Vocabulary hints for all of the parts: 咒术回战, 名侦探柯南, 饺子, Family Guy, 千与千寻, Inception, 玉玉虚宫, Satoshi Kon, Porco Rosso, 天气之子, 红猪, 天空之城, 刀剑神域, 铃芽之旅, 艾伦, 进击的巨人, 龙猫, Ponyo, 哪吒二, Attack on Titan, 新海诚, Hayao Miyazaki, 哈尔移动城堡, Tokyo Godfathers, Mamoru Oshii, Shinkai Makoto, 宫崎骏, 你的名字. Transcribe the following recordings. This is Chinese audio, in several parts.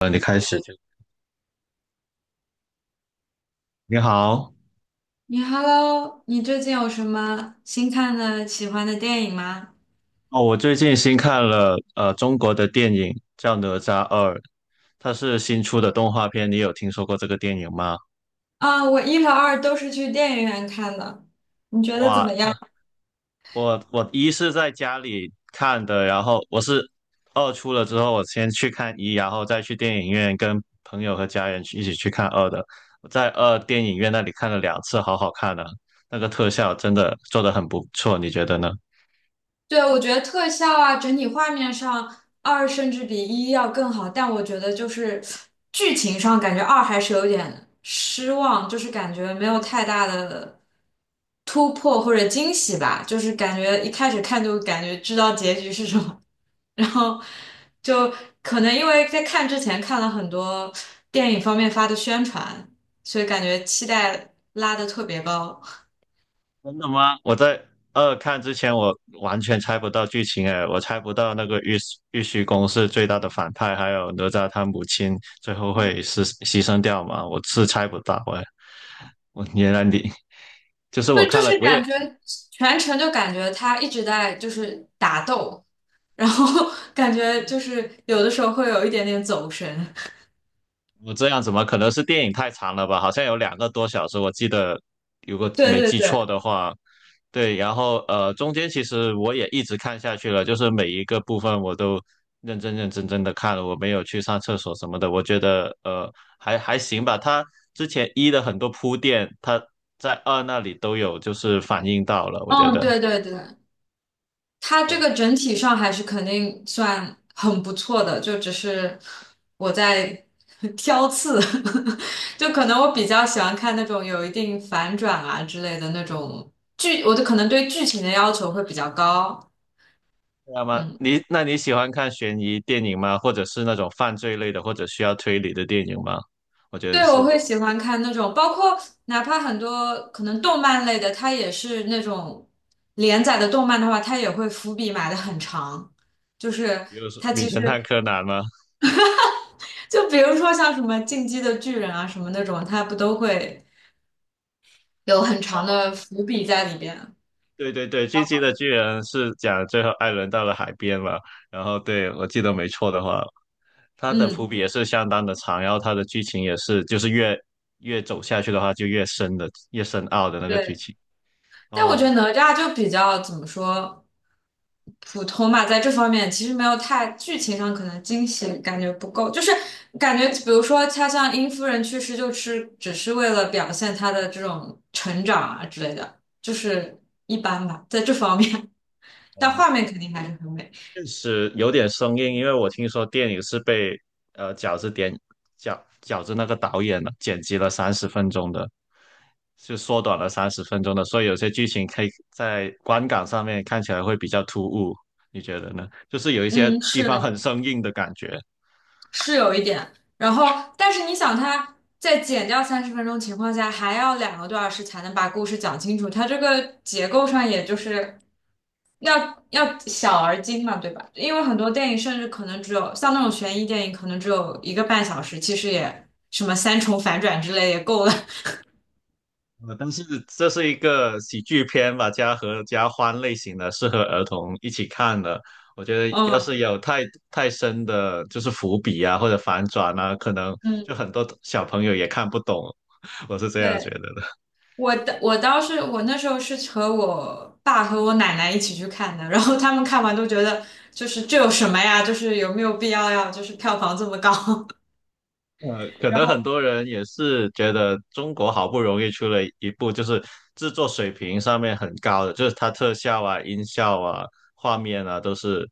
你开始就你好你 Hello，你最近有什么新看的、喜欢的电影吗？哦。我最近新看了中国的电影叫《哪吒二》，它是新出的动画片。你有听说过这个电影吗？啊，我一和二都是去电影院看的，你觉得怎哇，么样？我一是在家里看的，然后二出了之后，我先去看一，然后再去电影院跟朋友和家人去一起去看二的。我在二电影院那里看了两次，好好看啊！那个特效真的做得很不错，你觉得呢？对，我觉得特效啊，整体画面上二甚至比一要更好，但我觉得就是剧情上感觉二还是有点失望，就是感觉没有太大的突破或者惊喜吧，就是感觉一开始看就感觉知道结局是什么，然后就可能因为在看之前看了很多电影方面发的宣传，所以感觉期待拉得特别高。真的吗？我在二看之前，我完全猜不到剧情哎，我猜不到那个玉虚宫是最大的反派，还有哪吒他母亲最后会是牺牲掉吗？我是猜不到哎。我原来你就是我对，就看了，是我感也觉全程就感觉他一直在就是打斗，然后 感觉就是有的时候会有一点点走神。我这样怎么可能是电影太长了吧？好像有2个多小时，我记得，如果对没对记对，错的话，对。然后中间其实我也一直看下去了，就是每一个部分我都认真认真真的看了，我没有去上厕所什么的。我觉得还行吧。它之前一的很多铺垫，它在二那里都有就是反映到了，我觉嗯，得。对对对，他这个整体上还是肯定算很不错的，就只是我在 挑刺，就可能我比较喜欢看那种有一定反转啊之类的那种剧，我的可能对剧情的要求会比较高。那么嗯。那你喜欢看悬疑电影吗？或者是那种犯罪类的，或者需要推理的电影吗？我觉对，得我是。会喜欢看那种，包括哪怕很多可能动漫类的，它也是那种连载的动漫的话，它也会伏笔埋的很长，就是比如说它《名其侦探实柯南》吗？就比如说像什么《进击的巨人》啊什么那种，它不都会有很长的哦，伏笔在里边？对对对，《进击的巨人》是讲最后艾伦到了海边嘛，然后对我记得没错的话，他的伏嗯，笔也是相当的长，然后他的剧情也是就是越走下去的话就越深奥的那个剧对。情。但我觉得哦哪吒就比较怎么说普通吧，在这方面其实没有太剧情上可能惊喜感觉不够，就是感觉比如说他像殷夫人去世，就是只是为了表现他的这种成长啊之类的，就是一般吧，在这方面，但哦，画面肯定还是很美。确实有点生硬，因为我听说电影是被呃饺子点饺子那个导演剪辑了三十分钟的，就缩短了三十分钟的，所以有些剧情可以在观感上面看起来会比较突兀，你觉得呢？就是有一些嗯，地是方很的。生硬的感觉。是有一点。然后，但是你想，他在减掉30分钟情况下，还要2个多小时才能把故事讲清楚，它这个结构上也就是要小而精嘛，对吧？因为很多电影甚至可能只有像那种悬疑电影，可能只有1个半小时，其实也什么三重反转之类也够了。但是这是一个喜剧片吧，家和家欢类型的，适合儿童一起看的。我觉 得要嗯是有太深的，就是伏笔啊或者反转啊，可能嗯，就很多小朋友也看不懂。我是这样觉对。得的。我倒是我那时候是和我爸和我奶奶一起去看的，然后他们看完都觉得就是这有什么呀？就是有没有必要要就是票房这么高？可然能很后多人也是觉得中国好不容易出了一部，就是制作水平上面很高的，就是它特效啊、音效啊、画面啊，都是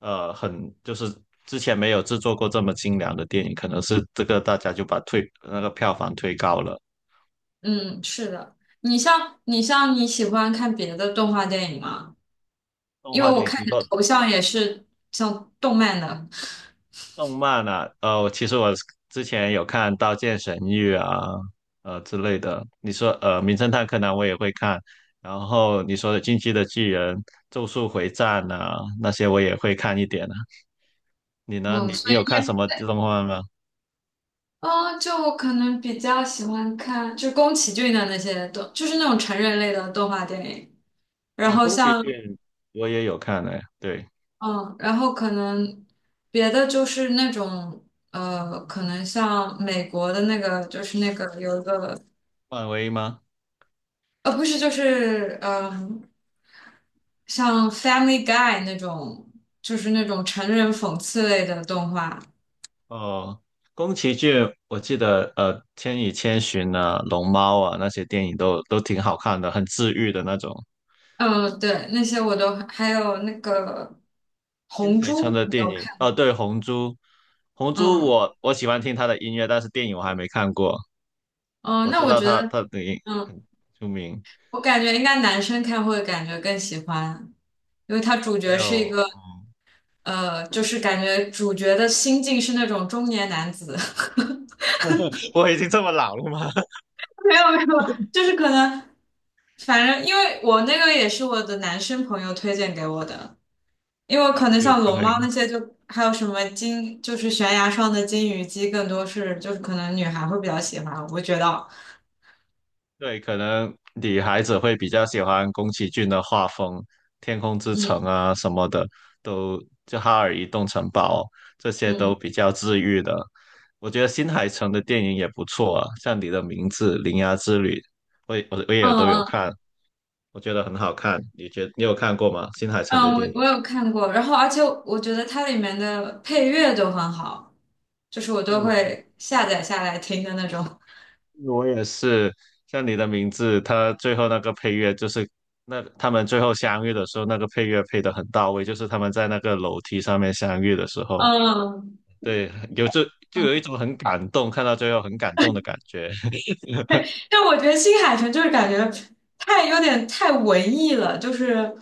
很就是之前没有制作过这么精良的电影，可能是这个大家就把推那个票房推高了。嗯，是的，你喜欢看别的动画电影吗？动因为画我电影，看你你的说头像也是像动漫的，动漫啊，其实我之前有看《刀剑神域》啊，之类的。你说《名侦探柯南》我也会看，然后你说的《进击的巨人》《咒术回战》啊，那些我也会看一点啊。你呢？嗯，你所以有看什么动漫吗？哦，就我可能比较喜欢看就宫崎骏的那些动，就是那种成人类的动画电影。然哦，后宫崎像骏我也有看哎，对，嗯，然后可能别的就是那种可能像美国的那个，就是那个有一个漫威吗？不是，就是嗯、像《Family Guy》那种，就是那种成人讽刺类的动画。哦，宫崎骏我记得《千与千寻》啊，《龙猫》啊，那些电影都挺好看的，很治愈的那种。嗯，对，那些我都还有那个新《红猪》，海诚的你电有影，看？哦，对，《红猪》，嗯我喜欢听他的音乐，但是电影我还没看过。嗯，我那知我道觉他得，他的影嗯，很出名，我感觉应该男生看会感觉更喜欢，因为它主还角是一有 个。就是感觉主角的心境是那种中年男子，我已经这么老了吗？没有没有，就是可能，反正因为我那个也是我的男生朋友推荐给我的，因为哎可能有像机龙猫会，那些就还有什么金，就是悬崖上的金鱼姬，更多是就是可能女孩会比较喜欢，我觉得，对，可能女孩子会比较喜欢宫崎骏的画风，《天空之城》嗯啊什么的，都就《哈尔移动城堡》这些都嗯比较治愈的。我觉得新海诚的电影也不错啊，像你的名字、铃芽之旅，我也我我嗯也都有嗯看。我觉得很好看。你有看过吗？新海诚的嗯，我电我影？有看过，然后而且我觉得它里面的配乐都很好，就是我都嗯，会下载下来听的那种，我也是，像你的名字，他最后那个配乐就是那他们最后相遇的时候，那个配乐配得很到位，就是他们在那个楼梯上面相遇的时 候，嗯对，就有一嗯种很感动，看到最后很感动的感觉。但我觉得新海诚就是感觉有点太文艺了，就是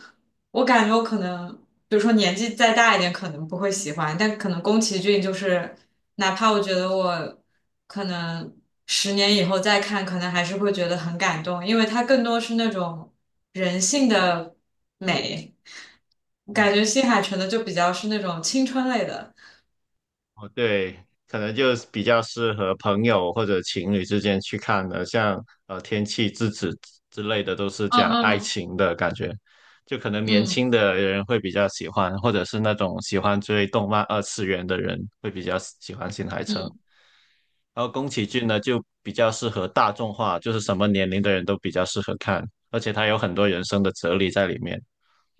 我感觉我可能，比如说年纪再大一点，可能不会喜欢，但可能宫崎骏就是，哪怕我觉得我可能10年以后再看，可能还是会觉得很感动，因为它更多是那种人性的美，感觉新海诚的就比较是那种青春类的，哦，对，可能就是比较适合朋友或者情侣之间去看的，像《天气之子》之类的，都是讲嗯爱嗯。情的感觉，就可能年嗯轻的人会比较喜欢，或者是那种喜欢追动漫二次元的人会比较喜欢新海诚。嗯。然后宫崎骏呢，就比较适合大众化，就是什么年龄的人都比较适合看，而且他有很多人生的哲理在里面，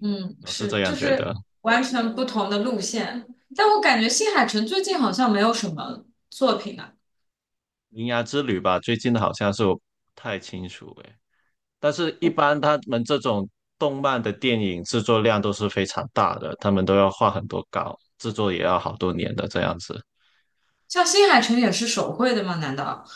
嗯，我是是，这就样觉得。是完全不同的路线。但我感觉新海诚最近好像没有什么作品啊，《铃芽之旅》吧，最近的好像是我不太清楚诶。但是，一般他们这种动漫的电影制作量都是非常大的，他们都要画很多稿，制作也要好多年的这样子。像新海诚也是手绘的吗？难道？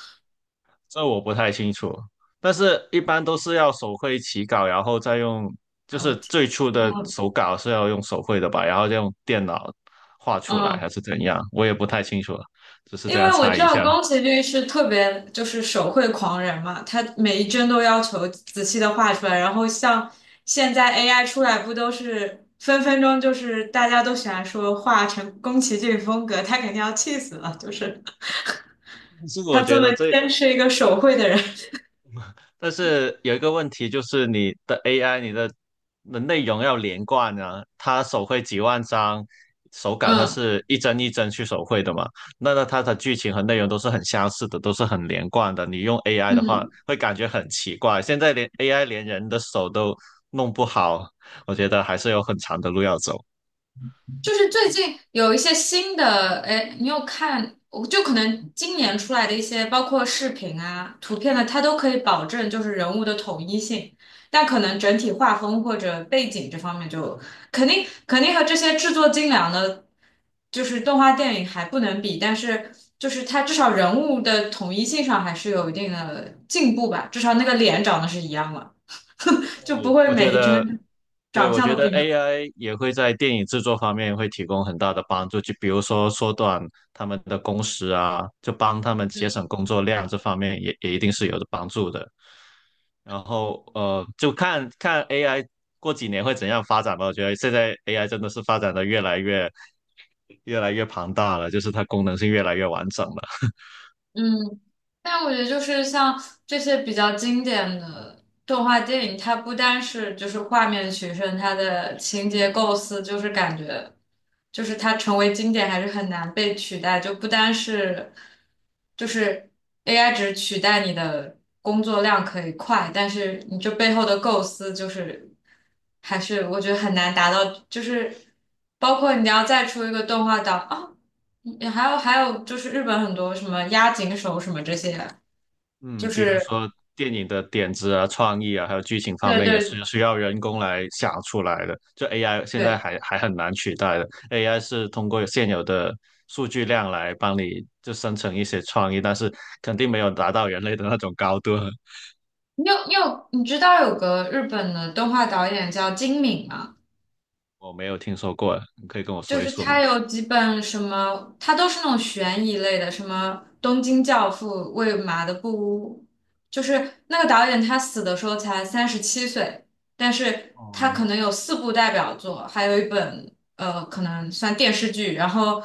这我不太清楚，但是一般都是要手绘起稿，然后再用，就哎，我是天，最初嗯的手稿是要用手绘的吧，然后再用电脑画出来，嗯，还是怎样？我也不太清楚了，只是因这样为我猜知一道下。宫崎骏是特别就是手绘狂人嘛，他每一帧都要求仔细的画出来。然后像现在 AI 出来，不都是分分钟就是大家都喜欢说画成宫崎骏风格，他肯定要气死了，就是但是他我这觉么得这坚持一个手绘的人，但是有一个问题就是你的 AI，你的内容要连贯啊，它手绘几万张手 稿，它嗯。是一帧一帧去手绘的嘛，那它的剧情和内容都是很相似的，都是很连贯的。你用 AI 的话，嗯，会感觉很奇怪。现在连 AI 连人的手都弄不好，我觉得还是有很长的路要走。就是最近有一些新的，哎，你有看？我就可能今年出来的一些，包括视频啊、图片呢，它都可以保证就是人物的统一性，但可能整体画风或者背景这方面就肯定和这些制作精良的，就是动画电影还不能比，但是就是它至少人物的统一性上还是有一定的进步吧，至少那个脸长得是一样了，就不对会我觉每一得，帧对，长我相觉都不得 一样。AI 也会在电影制作方面会提供很大的帮助，就比如说缩短他们的工时啊，就帮他们节省嗯工作量，这方面也一定是有的帮助的。然后就看看 AI 过几年会怎样发展吧。我觉得现在 AI 真的是发展的越来越庞大了，就是它功能性越来越完整了。嗯但我觉得就是像这些比较经典的动画电影，它不单是就是画面取胜，它的情节构思就是感觉，就是它成为经典还是很难被取代，就不单是就是 AI 只取代你的工作量可以快，但是你这背后的构思就是还是我觉得很难达到，就是包括你要再出一个动画档啊。你还有还有，就是日本很多什么押井守什么这些，就嗯，比如是说电影的点子啊、创意啊，还有剧情方对面也对是需要人工来想出来的。就 AI 现在对，还很难取代的，AI 是通过现有的数据量来帮你就生成一些创意，但是肯定没有达到人类的那种高度。你知道有个日本的动画导演叫金敏吗？我没有听说过，你可以跟我就说一是说他吗？有几本什么，他都是那种悬疑类的，什么《东京教父》《喂马的布屋》，就是那个导演他死的时候才37岁，但是他哦，可能有四部代表作，还有一本可能算电视剧，然后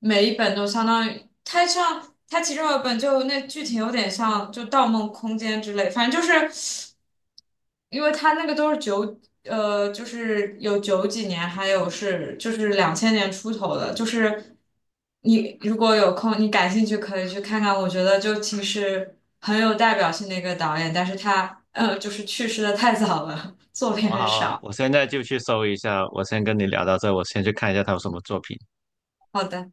每一本都相当于他其中有一本就那剧情有点像就《盗梦空间》之类，反正就是。因为他那个都是九，就是有九几年，还有是就是两千年出头的，就是你如果有空，你感兴趣可以去看看。我觉得就其实很有代表性的一个导演，但是他就是去世的太早了，作品我很好啊，少。我现在就去搜一下。我先跟你聊到这，我先去看一下他有什么作品。好的。